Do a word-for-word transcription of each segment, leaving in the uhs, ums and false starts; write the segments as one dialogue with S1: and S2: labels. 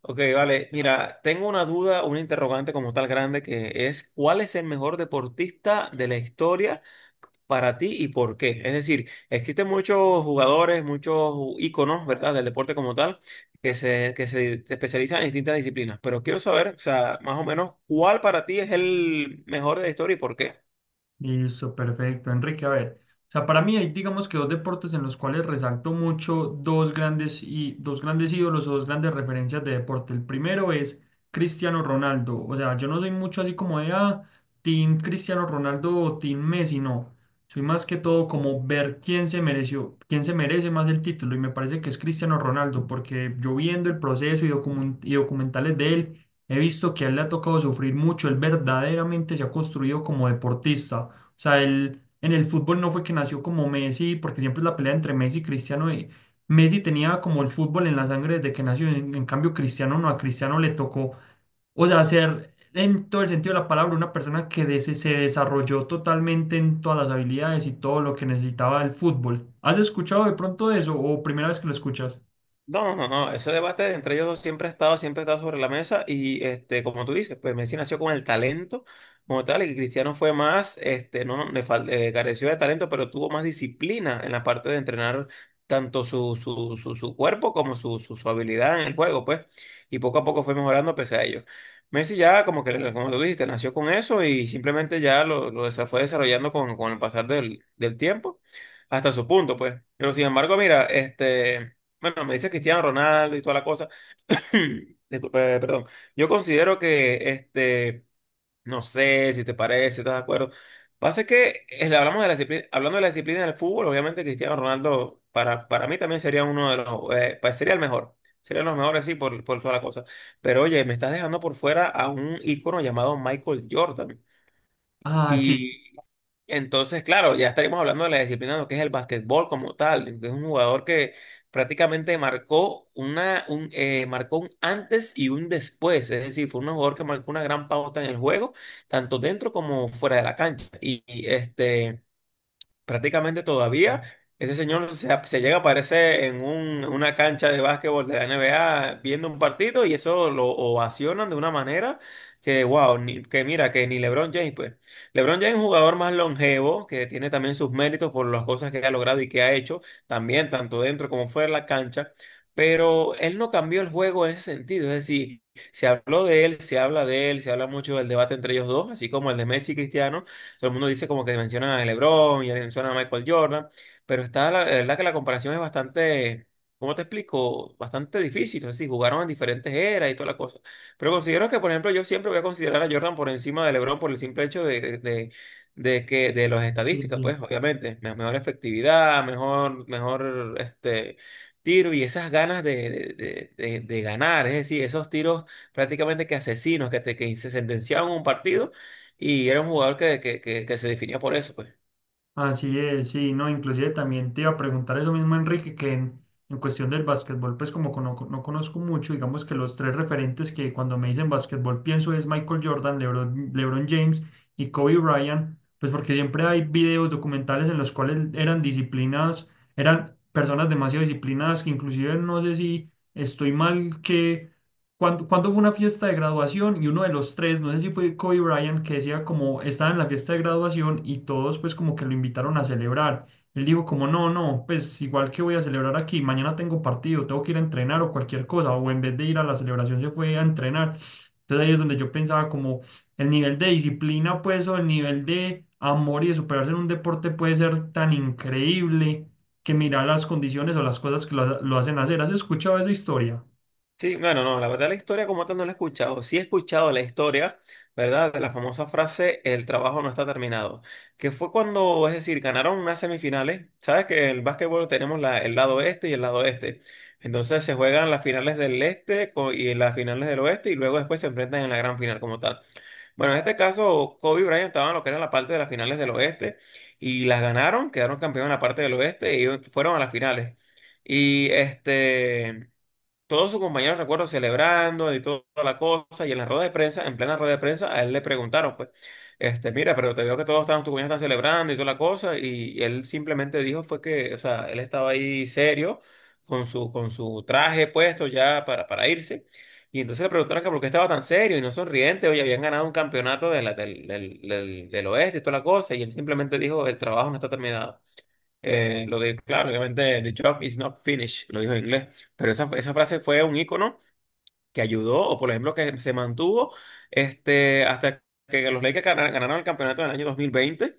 S1: Ok, vale. Mira, tengo una duda, una interrogante como tal grande que es, ¿cuál es el mejor deportista de la historia para ti y por qué? Es decir, existen muchos jugadores, muchos íconos, ¿verdad?, del deporte como tal, que se, que se especializan en distintas disciplinas, pero quiero saber, o sea, más o menos, ¿cuál para ti es el mejor de la historia y por qué?
S2: Listo, perfecto. Enrique, a ver, o sea, para mí hay, digamos que dos deportes en los cuales resalto mucho dos grandes y dos grandes ídolos o dos grandes referencias de deporte. El primero es Cristiano Ronaldo. O sea, yo no soy mucho así como de ah, Team Cristiano Ronaldo o Team Messi, no. Soy más que todo como ver quién se mereció, quién se merece más el título. Y me parece que es Cristiano Ronaldo, porque yo viendo el proceso y, documen- y documentales de él, he visto que a él le ha tocado sufrir mucho. Él verdaderamente se ha construido como deportista. O sea, él en el fútbol no fue que nació como Messi, porque siempre es la pelea entre Messi y Cristiano. Y Messi tenía como el fútbol en la sangre desde que nació. En, en cambio, Cristiano no, a Cristiano le tocó, o sea, ser en todo el sentido de la palabra una persona que des- se desarrolló totalmente en todas las habilidades y todo lo que necesitaba el fútbol. ¿Has escuchado de pronto eso o primera vez que lo escuchas?
S1: No, no, no, no, ese debate entre ellos dos siempre ha estado, siempre ha estado sobre la mesa y este, como tú dices, pues Messi nació con el talento como tal y Cristiano fue más, este, no, no, le fal- eh, careció de talento, pero tuvo más disciplina en la parte de entrenar tanto su, su, su, su cuerpo como su, su, su habilidad en el juego, pues, y poco a poco fue mejorando pese a ello. Messi ya, como que, como tú dijiste, nació con eso y simplemente ya lo, lo desa- fue desarrollando con, con el pasar del, del tiempo hasta su punto, pues. Pero sin embargo, mira, este... Bueno, me dice Cristiano Ronaldo y toda la cosa. Disculpe, eh, perdón. Yo considero que, este, no sé si te parece, ¿estás de acuerdo? Pasa que eh, le hablamos de la disciplina, hablando de la disciplina del fútbol, obviamente Cristiano Ronaldo para, para mí también sería uno de los, eh, pa- sería el mejor. Serían los mejores, sí, por, por toda la cosa. Pero oye, me estás dejando por fuera a un ícono llamado Michael Jordan.
S2: Ah, sí.
S1: Entonces, claro, ya estaríamos hablando de la disciplina de lo que es el básquetbol como tal. Que Es un jugador que prácticamente marcó una, un, eh, marcó un antes y un después. Es decir, fue un jugador que marcó una gran pauta en el juego, tanto dentro como fuera de la cancha. Y, y, este. Prácticamente todavía ese señor se, se llega a aparecer en un- una cancha de básquetbol de la N B A viendo un partido y eso lo ovacionan de una manera que, wow, ni- que mira, que ni LeBron James, pues. LeBron James es un jugador más longevo, que tiene también sus méritos por las cosas que ha logrado y que ha hecho, también tanto dentro como fuera de la cancha, pero él no cambió el juego en ese sentido, es decir, se habló de él, se habla de él, se habla mucho del debate entre ellos dos, así como el de Messi y Cristiano. Todo el mundo dice como que mencionan a LeBron y mencionan a Michael Jordan, pero está la, la verdad que la comparación es bastante, ¿cómo te explico? Bastante difícil, es decir, jugaron en diferentes eras y toda la cosa. Pero considero que, por ejemplo, yo siempre voy a considerar a Jordan por encima de LeBron por el simple hecho de, de, de- de que de las
S2: Sí,
S1: estadísticas,
S2: sí.
S1: pues obviamente, me- mejor efectividad, mejor, mejor este tiro y esas ganas de, de, de, de- ganar, es decir, esos tiros prácticamente que asesinos que te que sentenciaban un partido y era un jugador que, que, que, que se definía por eso, pues.
S2: Así es, sí, no, inclusive también te iba a preguntar eso mismo, Enrique, que en, en cuestión del básquetbol, pues como cono- no, conozco mucho, digamos que los tres referentes que cuando me dicen básquetbol pienso es Michael Jordan, LeBron, LeBron James y Kobe Bryant, pues porque siempre hay videos documentales en los cuales eran disciplinadas, eran personas demasiado disciplinadas que inclusive no sé si estoy mal que cuando, cuando fue una fiesta de graduación y uno de los tres, no sé si fue Kobe Bryant, que decía como estaba en la fiesta de graduación y todos pues como que lo invitaron a celebrar. Él dijo como no, no, pues igual que voy a celebrar aquí, mañana tengo partido, tengo que ir a entrenar o cualquier cosa, o en vez de ir a la celebración se fue a entrenar. Entonces ahí es donde yo pensaba como el nivel de disciplina pues o el nivel de amor y de superarse en un deporte puede ser tan increíble que mira las condiciones o las cosas que lo, lo hacen hacer. ¿Has escuchado esa historia?
S1: Sí, bueno, no, la verdad la historia como tal no la he escuchado. Sí he escuchado la historia, ¿verdad? De la famosa frase, el trabajo no está terminado. Que fue cuando, es decir, ganaron unas semifinales. Sabes que en el básquetbol tenemos la- el lado este y el lado este. Entonces se juegan las finales del este co- y las finales del oeste y luego después se enfrentan en la gran final como tal. Bueno, en este caso, Kobe y Bryant estaban lo que era la parte de las finales del oeste y las ganaron, quedaron campeones en la parte del oeste y fueron a las finales. Y este. Todos sus compañeros, recuerdo, celebrando y todo- toda la cosa, y en la rueda de prensa, en plena rueda de prensa, a él le preguntaron, pues, este, mira, pero te veo que todos están, tus compañeros están celebrando y toda la cosa, y, y él simplemente dijo fue que, o sea, él estaba ahí serio, con su, con su traje puesto ya para, para irse, y entonces le preguntaron que por qué estaba tan serio y no sonriente, oye, habían ganado un campeonato de la- del, del, del, del oeste y toda la cosa, y él simplemente dijo, el trabajo no está terminado. Eh, lo de, claro, obviamente, the job is not finished, lo dijo en inglés, pero esa, esa frase fue un icono que ayudó, o por ejemplo, que se mantuvo este, hasta que los Lakers gana- ganaron el campeonato en el año dos mil veinte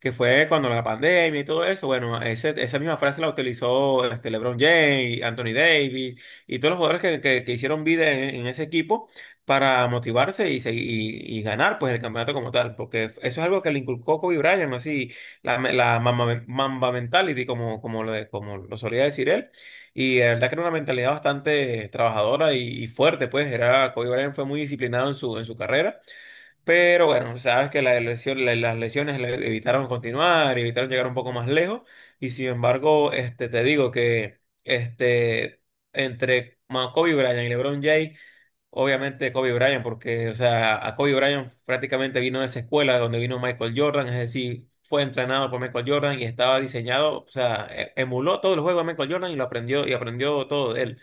S1: que fue cuando la pandemia y todo eso, bueno, ese- esa misma frase la utilizó este, LeBron James, Anthony Davis y todos los jugadores que, que- que hicieron vida en, en ese equipo para motivarse y, seguir- y, y ganar pues el campeonato como tal, porque eso es algo que le inculcó Kobe Bryant, así la, me- la mamba, mamba mentality como, como, lo, como lo solía decir él, y la verdad que era una mentalidad bastante trabajadora y, y fuerte, pues era Kobe Bryant fue muy disciplinado en su, en su carrera. Pero bueno, sabes que la lesión- la- las lesiones le evitaron continuar, evitaron llegar un poco más lejos. Y sin embargo, este, te digo que este, entre Ma- Kobe Bryant y LeBron James, obviamente Kobe Bryant, porque o sea, a Kobe Bryant prácticamente vino de esa escuela de donde vino Michael Jordan, es decir, fue entrenado por Michael Jordan y estaba diseñado, o sea, e- emuló todos los juegos de Michael Jordan y lo aprendió y aprendió todo de él.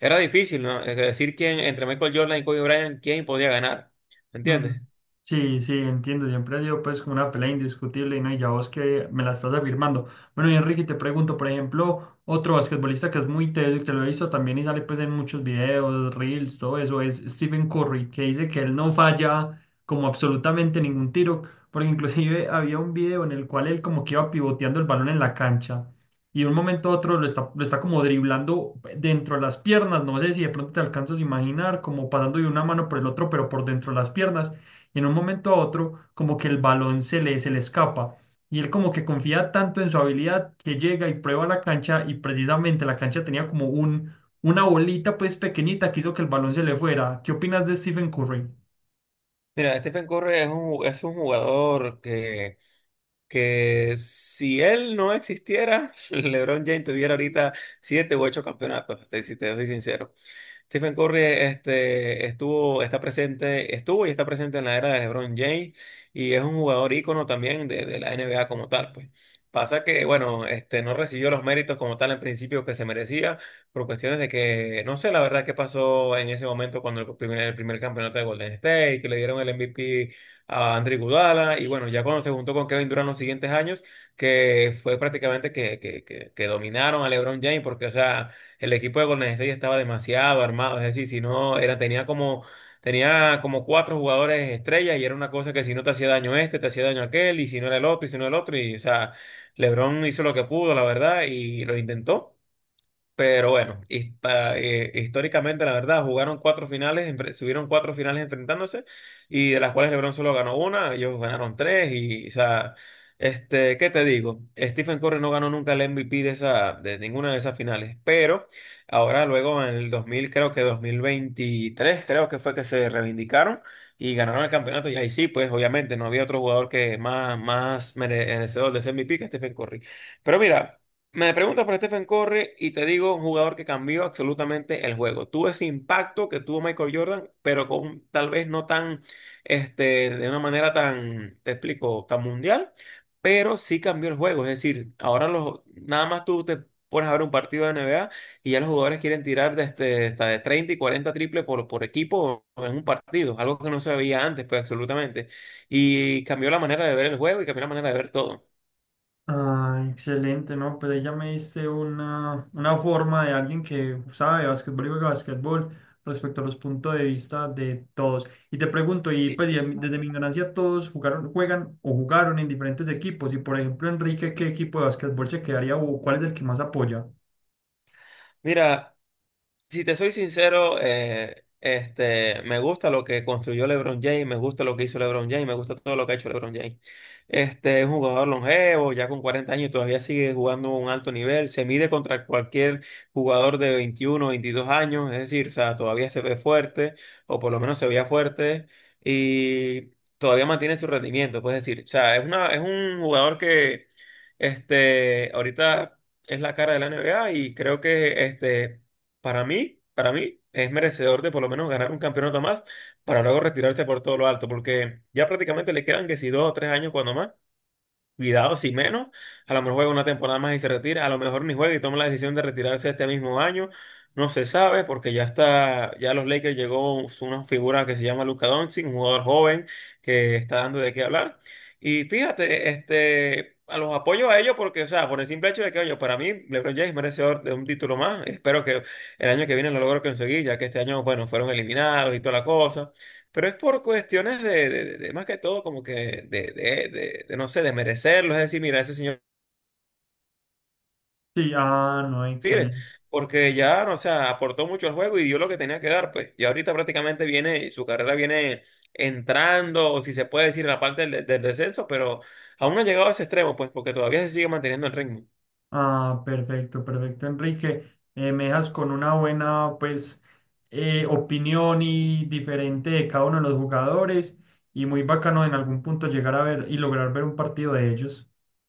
S1: Era difícil, ¿no? Es decir, ¿quién entre Michael Jordan y Kobe Bryant, quién podía ganar, ¿me
S2: Mm,
S1: ¿entiendes?
S2: sí, sí, entiendo. Siempre ha sido pues como una pelea indiscutible y no, y ya vos que me la estás afirmando. Bueno, y Enrique, te pregunto, por ejemplo, otro basquetbolista que es muy teso y que lo he visto también y sale pues en muchos videos, reels, todo eso, es Stephen Curry, que dice que él no falla como absolutamente ningún tiro, porque inclusive había un video en el cual él como que iba pivoteando el balón en la cancha y de un momento a otro lo está, lo está como driblando dentro de las piernas, no sé si de pronto te alcanzas a imaginar, como pasando de una mano por el otro, pero por dentro de las piernas, y en un momento a otro como que el balón se le, se le escapa, y él como que confía tanto en su habilidad que llega y prueba la cancha, y precisamente la cancha tenía como un, una bolita pues pequeñita que hizo que el balón se le fuera. ¿Qué opinas de Stephen Curry?
S1: Mira, Stephen Curry es un, es un jugador que, que si él no existiera, LeBron James tuviera ahorita siete u ocho campeonatos, te- si te soy sincero. Stephen Curry este, estuvo, está presente, estuvo y está presente en la era de LeBron James y es un jugador ícono también de, de la N B A como tal, pues. Pasa que, bueno, este, no recibió los méritos como tal en principio que se merecía por cuestiones de que, no sé la verdad qué pasó en ese momento cuando el primer, el primer campeonato de Golden State, que le dieron el M V P a Andre Iguodala y bueno, ya cuando se juntó con Kevin Durant los siguientes años, que fue prácticamente que, que, que, que dominaron a LeBron James porque, o sea, el equipo de Golden State estaba demasiado armado, es decir, si no, era, tenía como, tenía como cuatro jugadores estrellas y era una cosa que si no te hacía daño este, te hacía daño aquel, y si no era el otro, y si no era el otro, y o sea, LeBron hizo lo que pudo, la verdad, y lo intentó. Pero bueno, his- pa- eh, históricamente, la verdad, jugaron cuatro finales, empre- subieron cuatro finales enfrentándose, y de las cuales LeBron solo ganó una, ellos ganaron tres, y, o sea, este, ¿qué te digo? Stephen Curry no ganó nunca el M V P de esa, de ninguna de esas finales, pero ahora luego en el dos mil, creo que dos mil veintitrés, creo que fue que se reivindicaron y ganaron el campeonato, y ahí sí, pues obviamente no había otro jugador que más, más merecedor de ese M V P que Stephen Curry. Pero mira. Me preguntas por Stephen Curry y te digo un jugador que cambió absolutamente el juego. Tuvo ese impacto que tuvo Michael Jordan, pero con tal vez no tan, este, de una manera tan, te explico, tan mundial, pero sí cambió el juego. Es decir, ahora los, nada más tú te pones a ver un partido de N B A y ya los jugadores quieren tirar de este- hasta de treinta y cuarenta triples por, por equipo en un partido, algo que no se veía antes, pues absolutamente. Y cambió la manera de ver el juego y cambió la manera de ver todo.
S2: Ah, excelente, ¿no? Pues ahí ya me diste una, una forma de alguien que sabe de básquetbol y juega básquetbol respecto a los puntos de vista de todos. Y te pregunto, y
S1: Sí.
S2: pues y a mí desde mi ignorancia todos jugaron, juegan o jugaron en diferentes equipos. Y por ejemplo, Enrique, ¿qué equipo de básquetbol se quedaría o cuál es el que más apoya?
S1: Mira, si te soy sincero, eh, este, me gusta lo que construyó LeBron James, me gusta lo que hizo LeBron James, me gusta todo lo que ha hecho LeBron James. Este es un jugador longevo, ya con cuarenta años y todavía sigue jugando a un alto nivel, se mide contra cualquier jugador de veintiuno veintidós años, es decir, o sea, todavía se ve fuerte, o por lo menos se veía fuerte, y todavía mantiene su rendimiento, puedes decir. O sea, es una, es un jugador que, este, ahorita es la cara de la N B A y creo que, este, para mí, para mí es merecedor de por lo menos ganar un campeonato más para luego retirarse por todo lo alto, porque ya prácticamente le quedan que si dos o tres años cuando más. Cuidado, si menos, a lo mejor juega una temporada más y se retira, a lo mejor ni juega y toma la decisión de retirarse este mismo año, no se sabe porque ya está, ya a los Lakers llegó una figura que se llama Luka Doncic, un jugador joven que está dando de qué hablar. Y fíjate, este, a los apoyo a ellos porque, o sea, por el simple hecho de que, oye, para mí LeBron James merecedor de un título más, espero que el año que viene lo logro conseguir, ya que este año, bueno, fueron eliminados y toda la cosa. Pero es por cuestiones de, de- de- de más que todo, como que de, de- de- de, no sé, de merecerlo. Es decir, mira, ese señor
S2: Sí, ah, no,
S1: tiene,
S2: excelente.
S1: porque ya, no, o sea, aportó mucho al juego y dio lo que tenía que dar, pues. Y ahorita prácticamente viene, su carrera viene entrando, o si se puede decir, en la parte del, del descenso, pero aún no ha llegado a ese extremo, pues, porque todavía se sigue manteniendo el ritmo.
S2: Ah, perfecto, perfecto, Enrique. Eh, me dejas con una buena, pues, eh, opinión y diferente de cada uno de los jugadores y muy bacano en algún punto llegar a ver y lograr ver un partido de ellos.